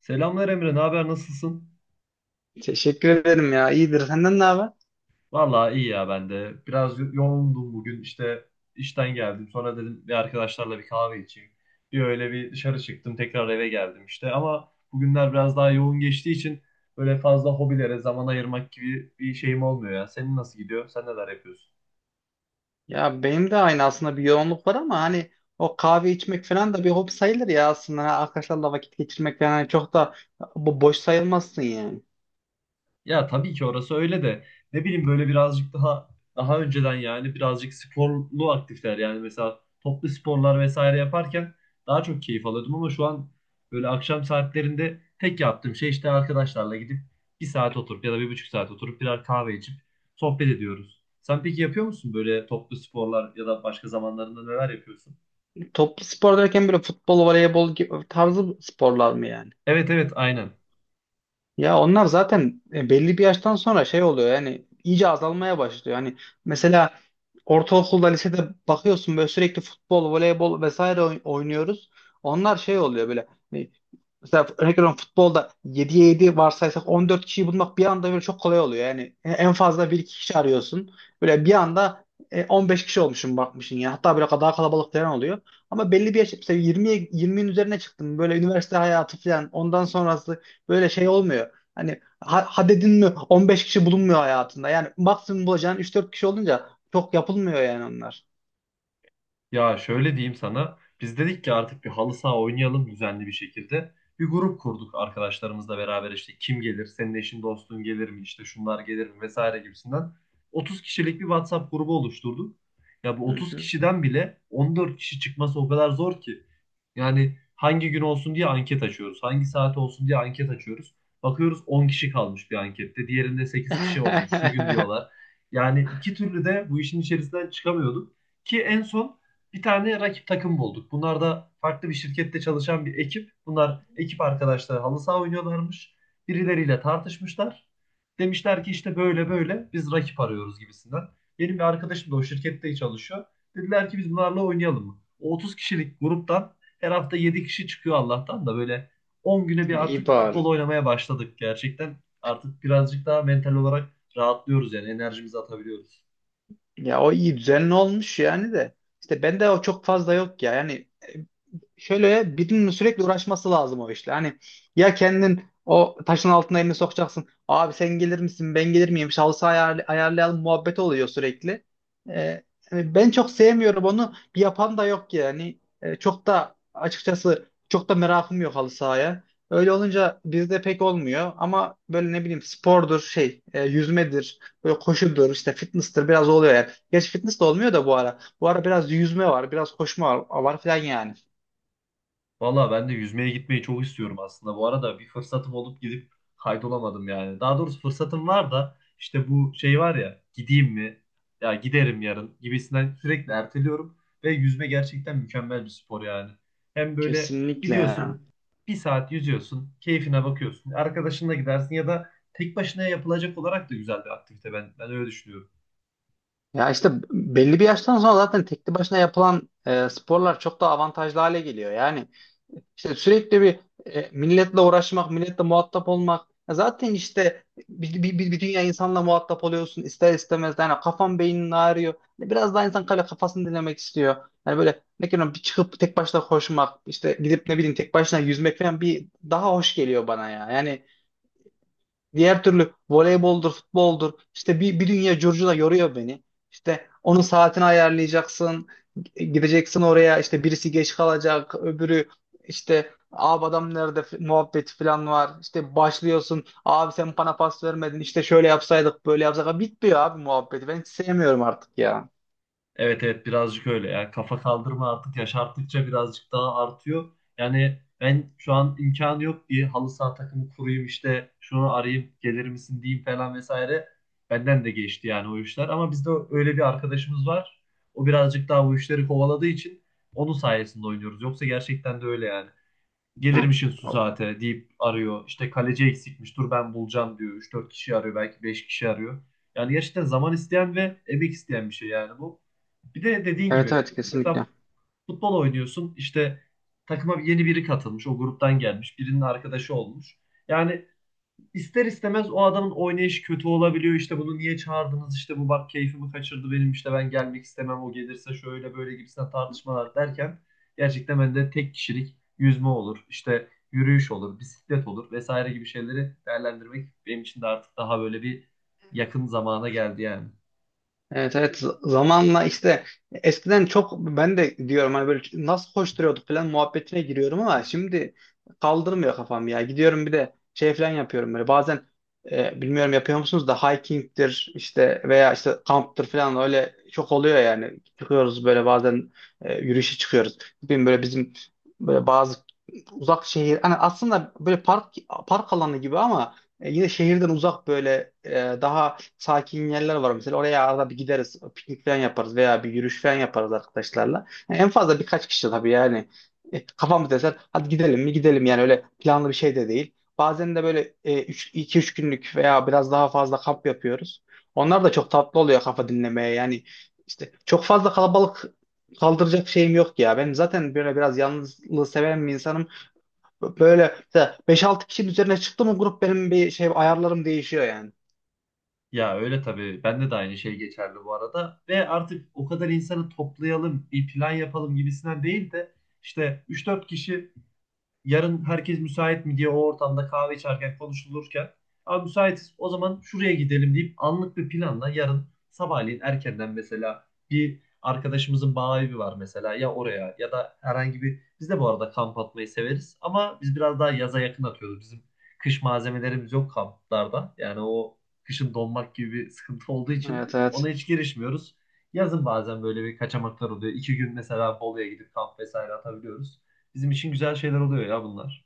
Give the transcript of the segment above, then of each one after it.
Selamlar Emre, ne haber, nasılsın? Teşekkür ederim ya. İyidir. Senden ne haber? Vallahi iyi ya ben de. Biraz yoğundum bugün işte işten geldim. Sonra dedim bir arkadaşlarla bir kahve içeyim. Bir öyle bir dışarı çıktım, tekrar eve geldim işte. Ama bugünler biraz daha yoğun geçtiği için böyle fazla hobilere zaman ayırmak gibi bir şeyim olmuyor ya. Senin nasıl gidiyor? Sen neler yapıyorsun? Ya benim de aynı aslında bir yoğunluk var ama hani o kahve içmek falan da bir hobi sayılır ya aslında. Ha, arkadaşlarla vakit geçirmek falan hani çok da bu boş sayılmazsın yani. Ya tabii ki orası öyle de ne bileyim böyle birazcık daha önceden yani birazcık sporlu aktifler yani mesela toplu sporlar vesaire yaparken daha çok keyif alıyordum ama şu an böyle akşam saatlerinde tek yaptığım şey işte arkadaşlarla gidip bir saat oturup ya da bir buçuk saat oturup birer kahve içip sohbet ediyoruz. Sen peki yapıyor musun böyle toplu sporlar ya da başka zamanlarında neler yapıyorsun? Toplu spor derken böyle futbol, voleybol gibi tarzı sporlar mı yani? Evet evet, aynen. Ya onlar zaten belli bir yaştan sonra şey oluyor yani iyice azalmaya başlıyor. Hani mesela ortaokulda lisede bakıyorsun böyle sürekli futbol, voleybol vesaire oynuyoruz. Onlar şey oluyor böyle hani mesela örnek veriyorum futbolda 7'ye 7 varsaysak 14 kişiyi bulmak bir anda böyle çok kolay oluyor. Yani en fazla bir iki kişi arıyorsun. Böyle bir anda 15 kişi olmuşsun bakmışsın ya. Hatta böyle daha kalabalık falan oluyor. Ama belli bir yaş mesela 20'ye yirmi'nin üzerine çıktın. Böyle üniversite hayatı falan ondan sonrası böyle şey olmuyor. Hani hadedin mi 15 kişi bulunmuyor hayatında. Yani maksimum bulacağın üç dört kişi olunca çok yapılmıyor yani onlar. Ya şöyle diyeyim sana. Biz dedik ki artık bir halı saha oynayalım düzenli bir şekilde. Bir grup kurduk arkadaşlarımızla beraber işte kim gelir, senin eşin dostun gelir mi, işte şunlar gelir mi vesaire gibisinden. 30 kişilik bir WhatsApp grubu oluşturduk. Ya bu Hı 30 hı. kişiden bile 14 kişi çıkması o kadar zor ki. Yani hangi gün olsun diye anket açıyoruz. Hangi saat olsun diye anket açıyoruz. Bakıyoruz 10 kişi kalmış bir ankette. Diğerinde 8 kişi olmuş. Şu gün diyorlar. Yani iki türlü de bu işin içerisinden çıkamıyorduk. Ki en son bir tane rakip takım bulduk. Bunlar da farklı bir şirkette çalışan bir ekip. Bunlar ekip arkadaşları halı saha oynuyorlarmış. Birileriyle tartışmışlar. Demişler ki işte böyle böyle biz rakip arıyoruz gibisinden. Benim bir arkadaşım da o şirkette çalışıyor. Dediler ki biz bunlarla oynayalım mı? O 30 kişilik gruptan her hafta 7 kişi çıkıyor Allah'tan da böyle 10 güne bir artık İyi bari. futbol oynamaya başladık gerçekten. Artık birazcık daha mental olarak rahatlıyoruz yani enerjimizi atabiliyoruz. Ya o iyi düzenli olmuş yani de. İşte bende o çok fazla yok ya. Yani şöyle birinin sürekli uğraşması lazım o işle. Hani ya kendin o taşın altına elini sokacaksın. Abi sen gelir misin? Ben gelir miyim? Şahsı ayarlayalım muhabbet oluyor sürekli. Ee, Hani ben çok sevmiyorum onu. Bir yapan da yok yani. Çok da açıkçası çok da merakım yok halı sahaya. Öyle olunca bizde pek olmuyor ama böyle ne bileyim spordur şey yüzmedir böyle koşudur işte fitness'tır biraz oluyor yani. Gerçi fitness de olmuyor da bu ara. Bu ara biraz yüzme var, biraz koşma var, var falan yani. Valla ben de yüzmeye gitmeyi çok istiyorum aslında. Bu arada bir fırsatım olup gidip kaydolamadım yani. Daha doğrusu fırsatım var da işte bu şey var ya gideyim mi? Ya giderim yarın gibisinden sürekli erteliyorum. Ve yüzme gerçekten mükemmel bir spor yani. Hem böyle Kesinlikle ya. gidiyorsun bir saat yüzüyorsun keyfine bakıyorsun. Arkadaşınla gidersin ya da tek başına yapılacak olarak da güzel bir aktivite ben öyle düşünüyorum. Ya işte belli bir yaştan sonra zaten tekli başına yapılan sporlar çok daha avantajlı hale geliyor. Yani işte sürekli bir milletle uğraşmak, milletle muhatap olmak. Ya zaten işte bir dünya insanla muhatap oluyorsun ister istemez. Yani kafan beynin ağrıyor. Yani biraz daha insan kale kafasını dinlemek istiyor. Yani böyle ne bileyim bir çıkıp tek başına koşmak, işte gidip ne bileyim tek başına yüzmek falan bir daha hoş geliyor bana ya. Yani diğer türlü voleyboldur, futboldur. İşte bir dünya curcuna yoruyor beni. İşte onun saatini ayarlayacaksın. Gideceksin oraya işte birisi geç kalacak. Öbürü işte abi adam nerede muhabbeti falan var. İşte başlıyorsun. Abi sen bana pas vermedin. İşte şöyle yapsaydık böyle yapsak. Bitmiyor abi muhabbeti. Ben hiç sevmiyorum artık ya. Evet evet, birazcık öyle. Yani kafa kaldırma artık yaş arttıkça birazcık daha artıyor. Yani ben şu an imkanı yok diye halı saha takımı kurayım işte şunu arayayım gelir misin diyeyim falan vesaire. Benden de geçti yani o işler. Ama bizde öyle bir arkadaşımız var. O birazcık daha o işleri kovaladığı için onun sayesinde oynuyoruz. Yoksa gerçekten de öyle yani Hı. gelirmişin su saate deyip arıyor. İşte kaleci eksikmiş dur ben bulacağım diyor. 3-4 kişi arıyor belki 5 kişi arıyor. Yani gerçekten zaman isteyen ve emek isteyen bir şey yani bu. Bir de dediğin Evet gibi evet mesela kesinlikle. futbol oynuyorsun işte takıma yeni biri katılmış o gruptan gelmiş birinin arkadaşı olmuş. Yani ister istemez o adamın oynayışı kötü olabiliyor. İşte bunu niye çağırdınız? İşte bu bak keyfimi kaçırdı benim işte ben gelmek istemem. O gelirse şöyle böyle gibisinden tartışmalar derken gerçekten ben de tek kişilik yüzme olur. işte yürüyüş olur, bisiklet olur vesaire gibi şeyleri değerlendirmek benim için de artık daha böyle bir yakın zamana geldi yani. Evet evet zamanla işte eskiden çok ben de diyorum hani böyle nasıl koşturuyorduk falan muhabbetine giriyorum ama şimdi kaldırmıyor kafam ya. Gidiyorum bir de şey falan yapıyorum böyle bazen bilmiyorum yapıyor musunuz da hiking'tir işte veya işte kamptır falan öyle çok oluyor yani. Çıkıyoruz böyle bazen yürüyüşe çıkıyoruz. Bilmiyorum böyle bizim böyle bazı uzak şehir hani aslında böyle park alanı gibi ama yine şehirden uzak böyle daha sakin yerler var mesela. Oraya arada bir gideriz. Piknik falan yaparız veya bir yürüyüş falan yaparız arkadaşlarla. Yani en fazla birkaç kişi tabii yani. Kafamız eser. Hadi gidelim mi gidelim yani öyle planlı bir şey de değil. Bazen de böyle iki üç günlük veya biraz daha fazla kamp yapıyoruz. Onlar da çok tatlı oluyor kafa dinlemeye. Yani işte çok fazla kalabalık kaldıracak şeyim yok ya. Ben zaten böyle biraz yalnızlığı seven bir insanım. Böyle mesela 5-6 kişinin üzerine çıktı mı grup benim bir şey ayarlarım değişiyor yani. Ya öyle tabii. Bende de aynı şey geçerli bu arada. Ve artık o kadar insanı toplayalım, bir plan yapalım gibisinden değil de işte 3-4 kişi yarın herkes müsait mi diye o ortamda kahve içerken konuşulurken abi müsaitiz. O zaman şuraya gidelim deyip anlık bir planla yarın sabahleyin erkenden mesela bir arkadaşımızın bağ evi var mesela ya oraya ya da herhangi bir biz de bu arada kamp atmayı severiz ama biz biraz daha yaza yakın atıyoruz. Bizim kış malzemelerimiz yok kamplarda. Yani o kışın donmak gibi bir sıkıntı olduğu için Evet ona evet. hiç girişmiyoruz. Yazın bazen böyle bir kaçamaklar oluyor. 2 gün mesela Bolu'ya gidip kamp vesaire atabiliyoruz bizim için güzel şeyler oluyor ya bunlar.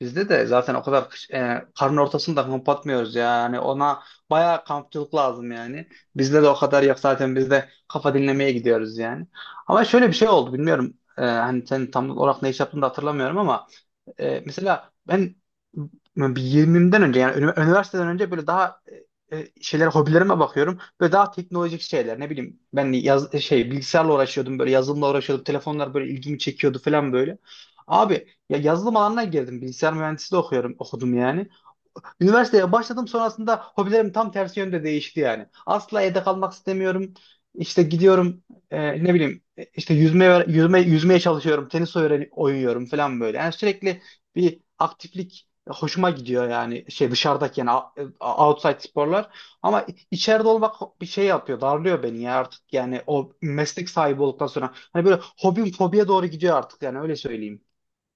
Bizde de zaten o kadar karın ortasında kamp atmıyoruz ya. Yani ona bayağı kampçılık lazım yani. Bizde de o kadar yok zaten biz de kafa dinlemeye gidiyoruz yani. Ama şöyle bir şey oldu bilmiyorum hani sen tam olarak ne iş yaptığını da hatırlamıyorum ama mesela ben bir 20'den önce yani üniversiteden önce böyle daha şeylere hobilerime bakıyorum. Böyle daha teknolojik şeyler ne bileyim ben şey bilgisayarla uğraşıyordum böyle yazılımla uğraşıyordum. Telefonlar böyle ilgimi çekiyordu falan böyle. Abi ya yazılım alanına girdim. Bilgisayar mühendisliği de okuyorum okudum yani. Üniversiteye başladım sonrasında hobilerim tam tersi yönde değişti yani. Asla evde kalmak istemiyorum. İşte gidiyorum ne bileyim işte yüzmeye çalışıyorum. Tenis öğren oynuyorum falan böyle. Yani sürekli bir aktiflik hoşuma gidiyor yani şey dışarıdaki yani outside sporlar ama içeride olmak bir şey yapıyor darlıyor beni ya artık yani o meslek sahibi olduktan sonra hani böyle hobim fobiye doğru gidiyor artık yani öyle söyleyeyim.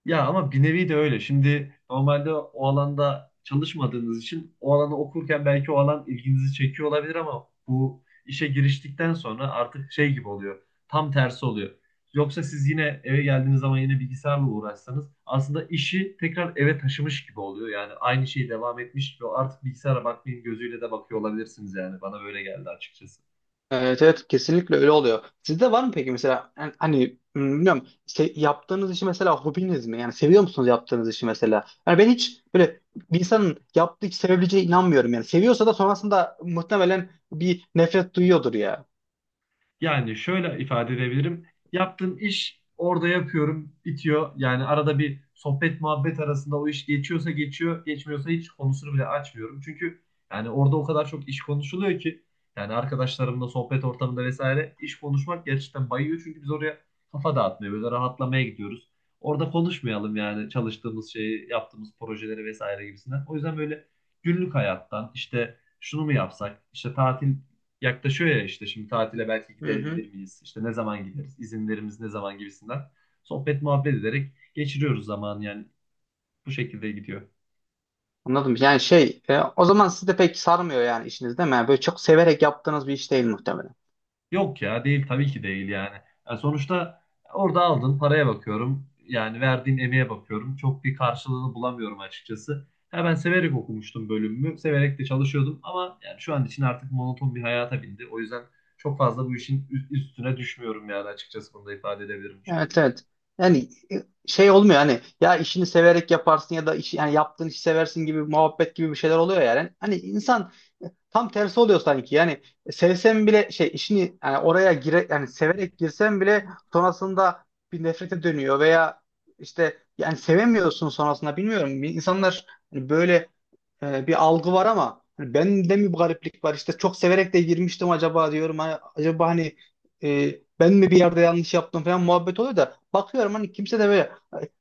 Ya ama bir nevi de öyle. Şimdi normalde o alanda çalışmadığınız için o alanı okurken belki o alan ilginizi çekiyor olabilir ama bu işe giriştikten sonra artık şey gibi oluyor. Tam tersi oluyor. Yoksa siz yine eve geldiğiniz zaman yine bilgisayarla uğraşsanız aslında işi tekrar eve taşımış gibi oluyor. Yani aynı şey devam etmiş gibi artık bilgisayara bakmayın gözüyle de bakıyor olabilirsiniz yani. Bana böyle geldi açıkçası. Evet evet kesinlikle öyle oluyor. Sizde var mı peki mesela yani hani bilmiyorum yaptığınız işi mesela hobiniz mi? Yani seviyor musunuz yaptığınız işi mesela? Yani ben hiç böyle bir insanın yaptığı işi sevebileceğine inanmıyorum yani. Seviyorsa da sonrasında muhtemelen bir nefret duyuyordur ya. Yani şöyle ifade edebilirim. Yaptığım iş orada yapıyorum, bitiyor. Yani arada bir sohbet muhabbet arasında o iş geçiyorsa geçiyor, geçmiyorsa hiç konusunu bile açmıyorum. Çünkü yani orada o kadar çok iş konuşuluyor ki yani arkadaşlarımla sohbet ortamında vesaire iş konuşmak gerçekten bayıyor. Çünkü biz oraya kafa dağıtmaya, böyle rahatlamaya gidiyoruz. Orada konuşmayalım yani çalıştığımız şeyi, yaptığımız projeleri vesaire gibisinden. O yüzden böyle günlük hayattan işte şunu mu yapsak, işte tatil yaklaşıyor ya işte şimdi tatile belki Hı hı. gidebilir miyiz? İşte ne zaman gideriz? İzinlerimiz ne zaman gibisinden. Sohbet muhabbet ederek geçiriyoruz zamanı yani bu şekilde gidiyor. Anladım. Yani şey o zaman sizi de pek sarmıyor yani işiniz değil mi? Yani böyle çok severek yaptığınız bir iş değil muhtemelen. Yok ya değil tabii ki değil yani. Yani sonuçta orada aldın paraya bakıyorum. Yani verdiğim emeğe bakıyorum. Çok bir karşılığını bulamıyorum açıkçası. Ha, ben severek okumuştum bölümümü. Severek de çalışıyordum ama yani şu an için artık monoton bir hayata bindi. O yüzden çok fazla bu işin üstüne düşmüyorum yani açıkçası bunu da ifade edebilirim bu Evet şekilde. evet. Yani şey olmuyor hani ya işini severek yaparsın ya da iş, yani yaptığın işi seversin gibi muhabbet gibi bir şeyler oluyor yani. Hani insan tam tersi oluyor sanki. Yani sevsem bile şey işini yani oraya gire yani severek girsem bile sonrasında bir nefrete dönüyor veya işte yani sevemiyorsun sonrasında bilmiyorum. Bir İnsanlar hani böyle bir algı var ama hani bende mi bu gariplik var? İşte çok severek de girmiştim acaba diyorum. Hani acaba hani e, ben mi bir yerde yanlış yaptım falan muhabbet oluyor da bakıyorum hani kimse de böyle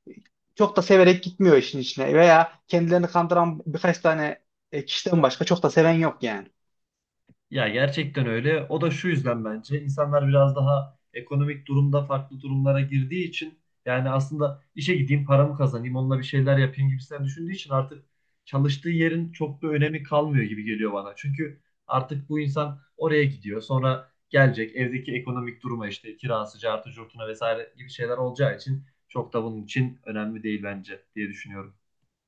e, çok da severek gitmiyor işin içine veya kendilerini kandıran birkaç tane kişiden başka çok da seven yok yani. Ya gerçekten öyle. O da şu yüzden bence insanlar biraz daha ekonomik durumda farklı durumlara girdiği için yani aslında işe gideyim paramı kazanayım onunla bir şeyler yapayım gibisinden düşündüğü için artık çalıştığı yerin çok da önemi kalmıyor gibi geliyor bana. Çünkü artık bu insan oraya gidiyor sonra gelecek evdeki ekonomik duruma işte kirası, cartı, curtuna vesaire gibi şeyler olacağı için çok da bunun için önemli değil bence diye düşünüyorum.